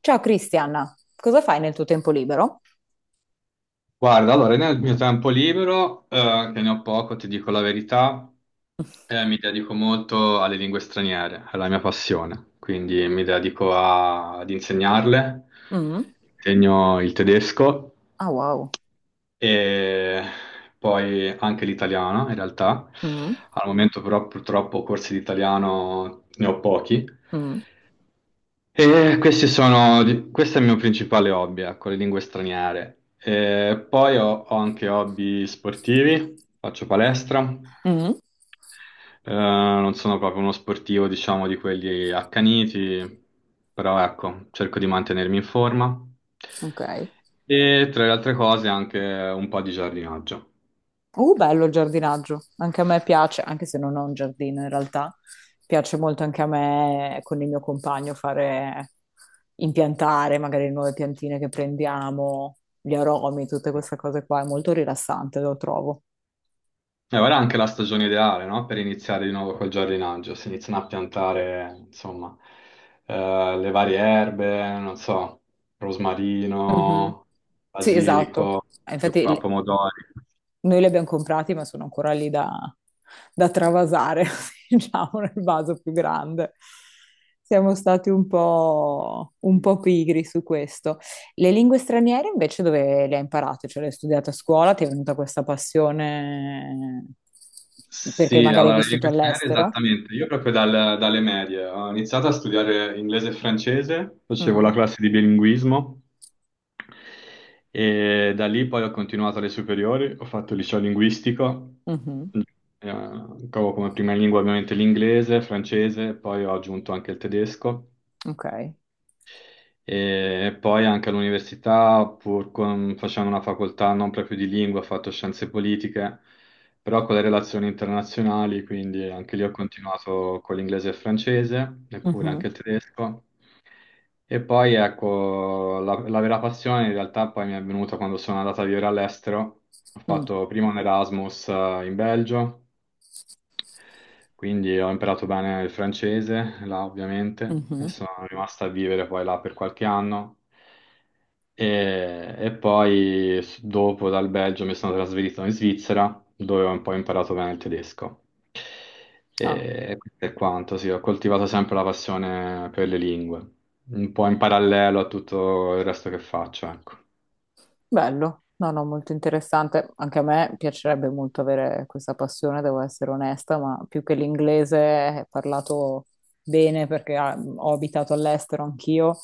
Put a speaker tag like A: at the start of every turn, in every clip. A: Ciao Cristian, cosa fai nel tuo tempo libero?
B: Guarda, allora nel mio tempo libero, che ne ho poco, ti dico la verità, mi dedico molto alle lingue straniere, è la mia passione, quindi mi dedico ad insegnarle,
A: Mm.
B: insegno il tedesco
A: Ah, wow.
B: e poi anche l'italiano in realtà.
A: Mm.
B: Al momento però purtroppo corsi di italiano ne ho pochi,
A: Mm.
B: e questi sono, questo è il mio principale hobby, ecco, le lingue straniere. E poi ho anche hobby sportivi, faccio palestra.
A: Mm.
B: Non sono proprio uno sportivo, diciamo, di quelli accaniti, però ecco, cerco di mantenermi in forma.
A: Ok.
B: E tra le altre cose anche un po' di giardinaggio.
A: Bello il giardinaggio. Anche a me piace, anche se non ho un giardino in realtà. Piace molto anche a me con il mio compagno fare impiantare magari le nuove piantine che prendiamo, gli aromi, tutte queste cose qua. È molto rilassante, lo trovo.
B: E ora è anche la stagione ideale, no? Per iniziare di nuovo col giardinaggio, si iniziano a piantare, insomma, le varie erbe, non so,
A: Mhm.
B: rosmarino,
A: Sì, esatto.
B: basilico, qua,
A: Infatti
B: pomodori.
A: noi li abbiamo comprati, ma sono ancora lì da, da travasare, diciamo, nel vaso più grande. Siamo stati un po' pigri su questo. Le lingue straniere invece dove le hai imparate? Cioè le hai studiate a scuola? Ti è venuta questa passione perché
B: Sì,
A: magari hai
B: allora, le
A: vissuto
B: lingue straniere
A: all'estero?
B: esattamente. Io proprio dalle medie ho iniziato a studiare inglese e francese, facevo la
A: Mm,
B: classe di bilinguismo e da lì poi ho continuato alle superiori, ho fatto il liceo linguistico.
A: mhm.
B: Trovo come prima lingua ovviamente l'inglese, il francese, poi ho aggiunto anche il tedesco
A: Ok.
B: e poi anche all'università, pur facendo una facoltà non proprio di lingua, ho fatto scienze politiche, però con le relazioni internazionali, quindi anche lì ho continuato con l'inglese e il francese, eppure
A: Mhm,
B: anche il tedesco. E poi ecco, la vera passione in realtà poi mi è venuta quando sono andata a vivere all'estero. Ho
A: mm,
B: fatto prima un Erasmus in Belgio, quindi ho imparato bene il francese, là ovviamente, e
A: mhm.
B: sono rimasto a vivere poi là per qualche anno. E poi dopo dal Belgio mi sono trasferito in Svizzera, dove ho un po' imparato bene il tedesco.
A: Ah,
B: E questo è quanto, sì, ho coltivato sempre la passione per le lingue, un po' in parallelo a tutto il resto che faccio, ecco.
A: bello, no, no, molto interessante. Anche a me piacerebbe molto avere questa passione, devo essere onesta, ma più che l'inglese è parlato bene perché ah, ho abitato all'estero anch'io.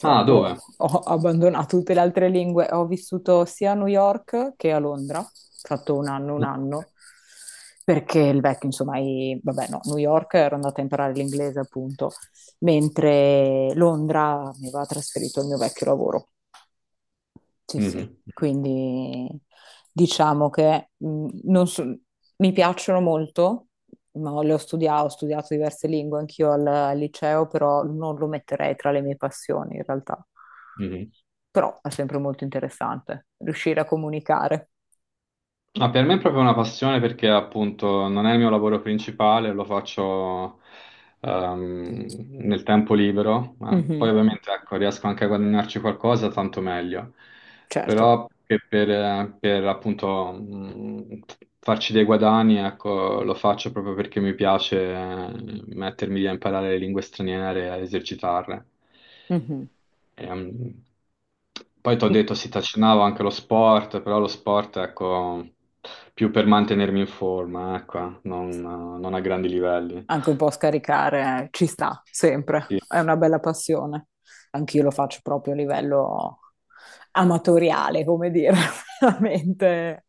B: Ah, dove?
A: ho abbandonato tutte le altre lingue. Ho vissuto sia a New York che a Londra, ho fatto un anno, un
B: No.
A: anno, perché il vecchio, insomma, vabbè, no, New York ero andata a imparare l'inglese appunto, mentre Londra mi aveva trasferito il mio vecchio lavoro. Sì, sì,
B: Mhm,
A: quindi diciamo che non so- mi piacciono molto, ma ho studiato diverse lingue anch'io al liceo, però non lo metterei tra le mie passioni in realtà.
B: mhm, mhm.
A: Però è sempre molto interessante riuscire a comunicare.
B: Ma per me è proprio una passione perché appunto non è il mio lavoro principale, lo faccio nel tempo libero, ma poi
A: Mhm,
B: Ovviamente ecco, riesco anche a guadagnarci qualcosa, tanto meglio.
A: certo.
B: Però che per, appunto farci dei guadagni, ecco, lo faccio proprio perché mi piace mettermi lì a imparare le lingue straniere, a esercitarle.
A: Mhm.
B: Ehm, Poi ti ho detto si trascinavo anche lo sport, però lo sport, ecco, più per mantenermi in forma, ecco, non a grandi livelli.
A: Anche un po' scaricare, ci sta sempre,
B: Sì.
A: è una bella passione. Anch'io lo faccio proprio a livello amatoriale, come dire, veramente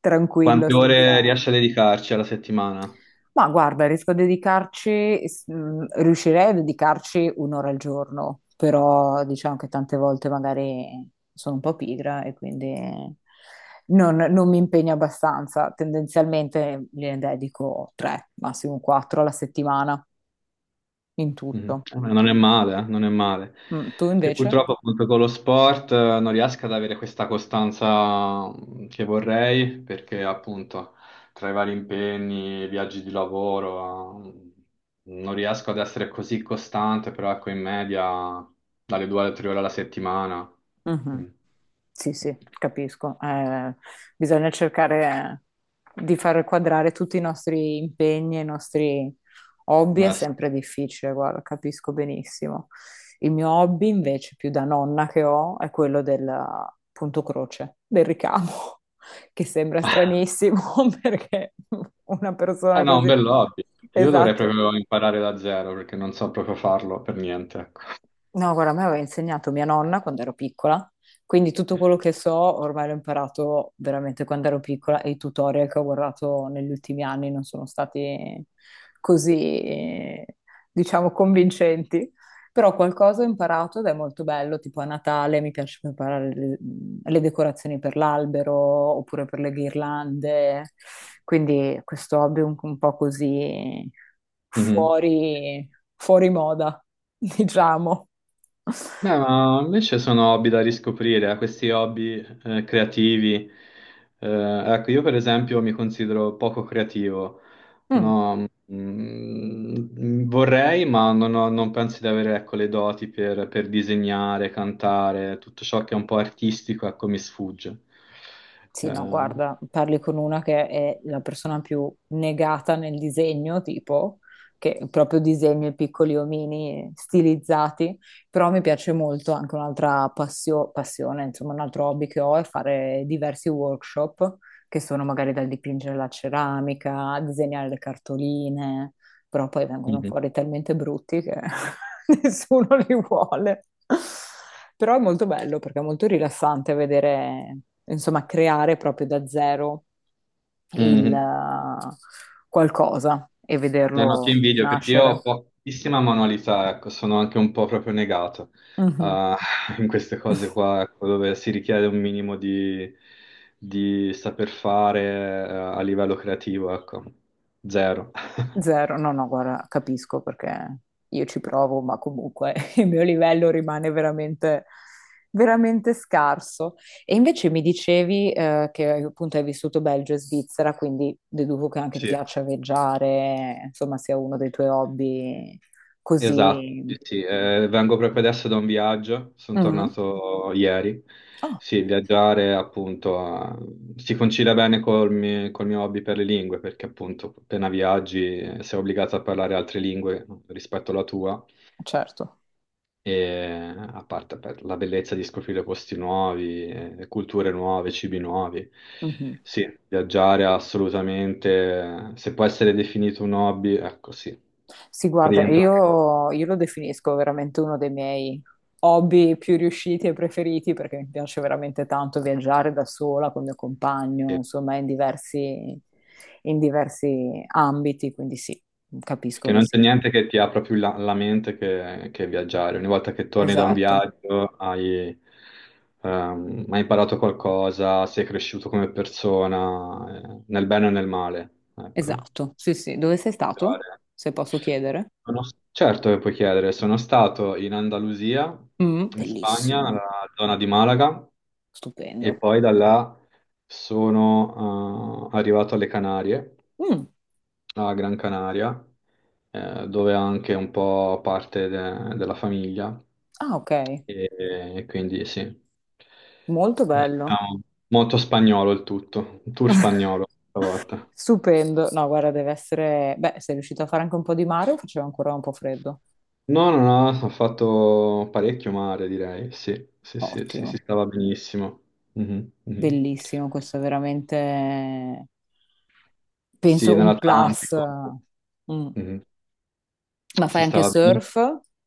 A: tranquillo,
B: Quante ore
A: senza...
B: riesci a dedicarci alla settimana?
A: Ma guarda, riesco a dedicarci, riuscirei a dedicarci un'ora al giorno, però diciamo che tante volte magari sono un po' pigra e quindi non mi impegno abbastanza. Tendenzialmente ne dedico tre, massimo quattro alla settimana in
B: Mm.
A: tutto.
B: Non è male, non è male.
A: Mm, tu
B: Io
A: invece?
B: purtroppo appunto con lo sport non riesco ad avere questa costanza che vorrei perché appunto tra i vari impegni, viaggi di lavoro, non riesco ad essere così costante, però ecco in media dalle 2 alle 3 ore alla settimana.
A: Mhm.
B: Mm.
A: Sì, sì, capisco. Bisogna cercare di far quadrare tutti i nostri impegni e i nostri hobby, è
B: Sì.
A: sempre difficile, guarda, capisco benissimo. Il mio hobby invece, più da nonna che ho, è quello del punto croce, del ricamo, che sembra stranissimo perché una
B: Ah,
A: persona
B: no, un
A: così...
B: bel hobby. Io dovrei
A: Esatto.
B: proprio imparare da zero perché non so proprio farlo per niente, ecco.
A: No, guarda, a me aveva insegnato mia nonna quando ero piccola, quindi tutto quello che so ormai l'ho imparato veramente quando ero piccola e i tutorial che ho guardato negli ultimi anni non sono stati così, diciamo, convincenti. Però qualcosa ho imparato ed è molto bello, tipo a Natale mi piace preparare le decorazioni per l'albero oppure per le ghirlande, quindi questo hobby un po' così
B: Mhm.
A: fuori, fuori moda, diciamo.
B: Beh, ma invece sono hobby da riscoprire, questi hobby creativi. Eh, ecco, io per esempio mi considero poco creativo.
A: Mm.
B: No, vorrei, ma non penso di avere, ecco, le doti per disegnare, cantare, tutto ciò che è un po' artistico, ecco, mi sfugge.
A: Sì, no, guarda, parli con una che è la persona più negata nel disegno, tipo, che proprio disegna i piccoli omini stilizzati, però mi piace molto anche un'altra passione, insomma, un altro hobby che ho è fare diversi workshop, che sono magari dal dipingere la ceramica, a disegnare le cartoline però poi vengono
B: Mhm.
A: fuori talmente brutti che nessuno li vuole. Però è molto bello perché è molto rilassante vedere, insomma, creare proprio da zero il
B: Mhm.
A: qualcosa e
B: Eh no, ti
A: vederlo
B: invidio perché io ho
A: nascere.
B: pochissima manualità, ecco, sono anche un po' proprio negato
A: Mhm.
B: ah, in queste cose qua, ecco, dove si richiede un minimo di saper fare a livello creativo, ecco, zero.
A: Zero, no, no, guarda, capisco perché io ci provo, ma comunque il mio livello rimane veramente, veramente scarso. E invece mi dicevi, che appunto hai vissuto Belgio e Svizzera, quindi deduco che anche ti
B: Sì.
A: piaccia viaggiare, insomma, sia uno dei tuoi hobby
B: Esatto,
A: così.
B: sì, sì, vengo proprio adesso da un viaggio, sono
A: Mm.
B: tornato ieri.
A: Ah,
B: Sì, viaggiare appunto si concilia bene col mio hobby per le lingue, perché appunto appena viaggi sei obbligato a parlare altre lingue rispetto alla tua,
A: certo.
B: e a parte per la bellezza di scoprire posti nuovi, culture nuove, cibi nuovi.
A: Mhm.
B: Sì, viaggiare è assolutamente, se può essere definito un hobby, ecco sì,
A: Sì, guarda,
B: rientra anche.
A: io lo definisco veramente uno dei miei hobby più riusciti e preferiti perché mi piace veramente tanto viaggiare da sola con il mio compagno, insomma, in diversi ambiti, quindi sì, capisco
B: Perché
A: che
B: non c'è
A: sì.
B: niente che ti apra più la mente che viaggiare. Ogni volta che torni da un
A: Esatto,
B: viaggio hai imparato qualcosa, sei cresciuto come persona, nel bene e nel male. Ecco.
A: esatto. Sì, sì. Dove sei stato?
B: Viaggiare.
A: Se posso chiedere.
B: Sono- certo che puoi chiedere, sono stato in Andalusia,
A: Mm,
B: in Spagna,
A: bellissimo,
B: nella zona di Malaga, e
A: stupendo.
B: poi da là sono arrivato alle Canarie
A: Mm.
B: a Gran Canaria, dove ha anche un po' parte della famiglia,
A: Ah, ok,
B: e, e quindi sì.
A: molto bello.
B: Diciamo, molto spagnolo il tutto, un tour spagnolo questa volta.
A: Stupendo. No, guarda, deve essere... Beh, sei riuscito a fare anche un po' di mare o faceva ancora un po' freddo?
B: No, no, no, ho fatto parecchio mare, direi, sì, sì, sì, sì, si
A: Ottimo,
B: stava benissimo. Mhm, mhm.
A: bellissimo, questo è veramente,
B: Sì,
A: penso, un plus.
B: nell'Atlantico,
A: Mm.
B: mhm,
A: Ma fai
B: si
A: anche
B: stava benissimo.
A: surf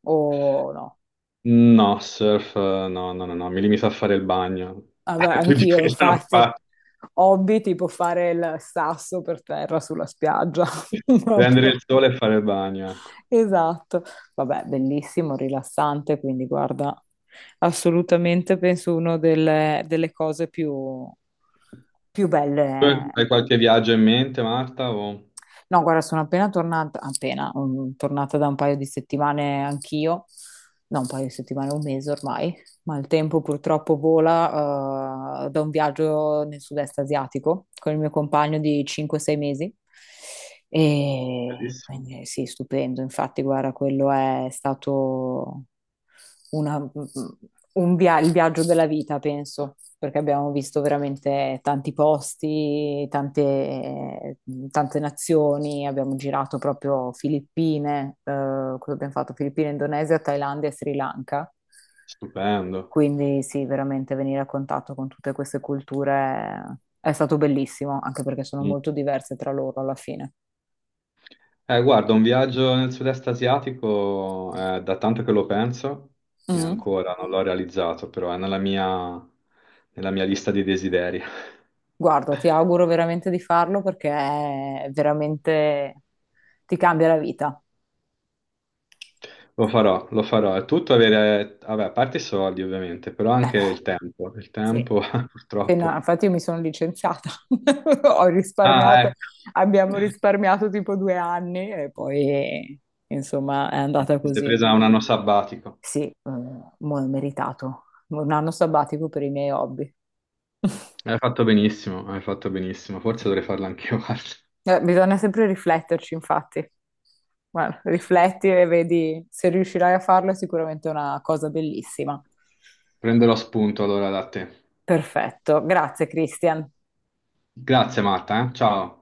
A: o no?
B: No, surf, no, no, no, no, mi limito a fare il bagno.
A: Vabbè,
B: Più di
A: anch'io,
B: quello non
A: infatti,
B: faccio.
A: hobby tipo fare il sasso per terra sulla spiaggia,
B: Prendere
A: proprio.
B: il sole e fare il bagno, ecco.
A: Esatto. Vabbè, bellissimo, rilassante, quindi guarda, assolutamente penso una delle cose più, più
B: Tu
A: belle.
B: hai qualche viaggio in mente, Marta?
A: No, guarda, sono appena tornata, appena, mm, tornata da un paio di settimane anch'io, no, un paio di settimane, un mese ormai, ma il tempo purtroppo vola, da un viaggio nel sud-est asiatico con il mio compagno di 5-6 mesi. E
B: Bellissimo.
A: quindi sì, stupendo. Infatti, guarda, quello è stato una- il viaggio della vita, penso, perché abbiamo visto veramente tanti posti, tante, tante nazioni, abbiamo girato proprio Filippine, cosa abbiamo fatto? Filippine, Indonesia, Thailandia e Sri Lanka.
B: Stupendo.
A: Quindi sì, veramente venire a contatto con tutte queste culture è stato bellissimo, anche perché sono
B: Mm.
A: molto diverse tra loro alla fine.
B: Guarda, un viaggio nel sud-est asiatico, da tanto che lo penso, e
A: Mhm.
B: ancora non l'ho realizzato, però è nella mia lista di desideri.
A: Guarda, ti auguro veramente di farlo perché è veramente ti cambia la vita.
B: Lo farò, lo farò. È tutto avere, vabbè, a parte i soldi ovviamente, però anche il tempo. Il
A: Sì.
B: tempo, purtroppo.
A: Infatti, io mi sono licenziata, ho
B: Ah,
A: risparmiato,
B: ecco.
A: abbiamo risparmiato tipo 2 anni e poi insomma è andata
B: Ti sei
A: così.
B: presa un anno sabbatico.
A: Sì, mo è meritato. Un anno sabbatico per i miei hobby.
B: Hai fatto benissimo, hai fatto benissimo. Forse dovrei farlo anch'io, guarda.
A: Bisogna sempre rifletterci, infatti. Guarda, rifletti e vedi se riuscirai a farlo, è sicuramente una cosa bellissima.
B: Prenderò spunto allora da te.
A: Perfetto, grazie Christian.
B: Grazie Marta, eh. Ciao.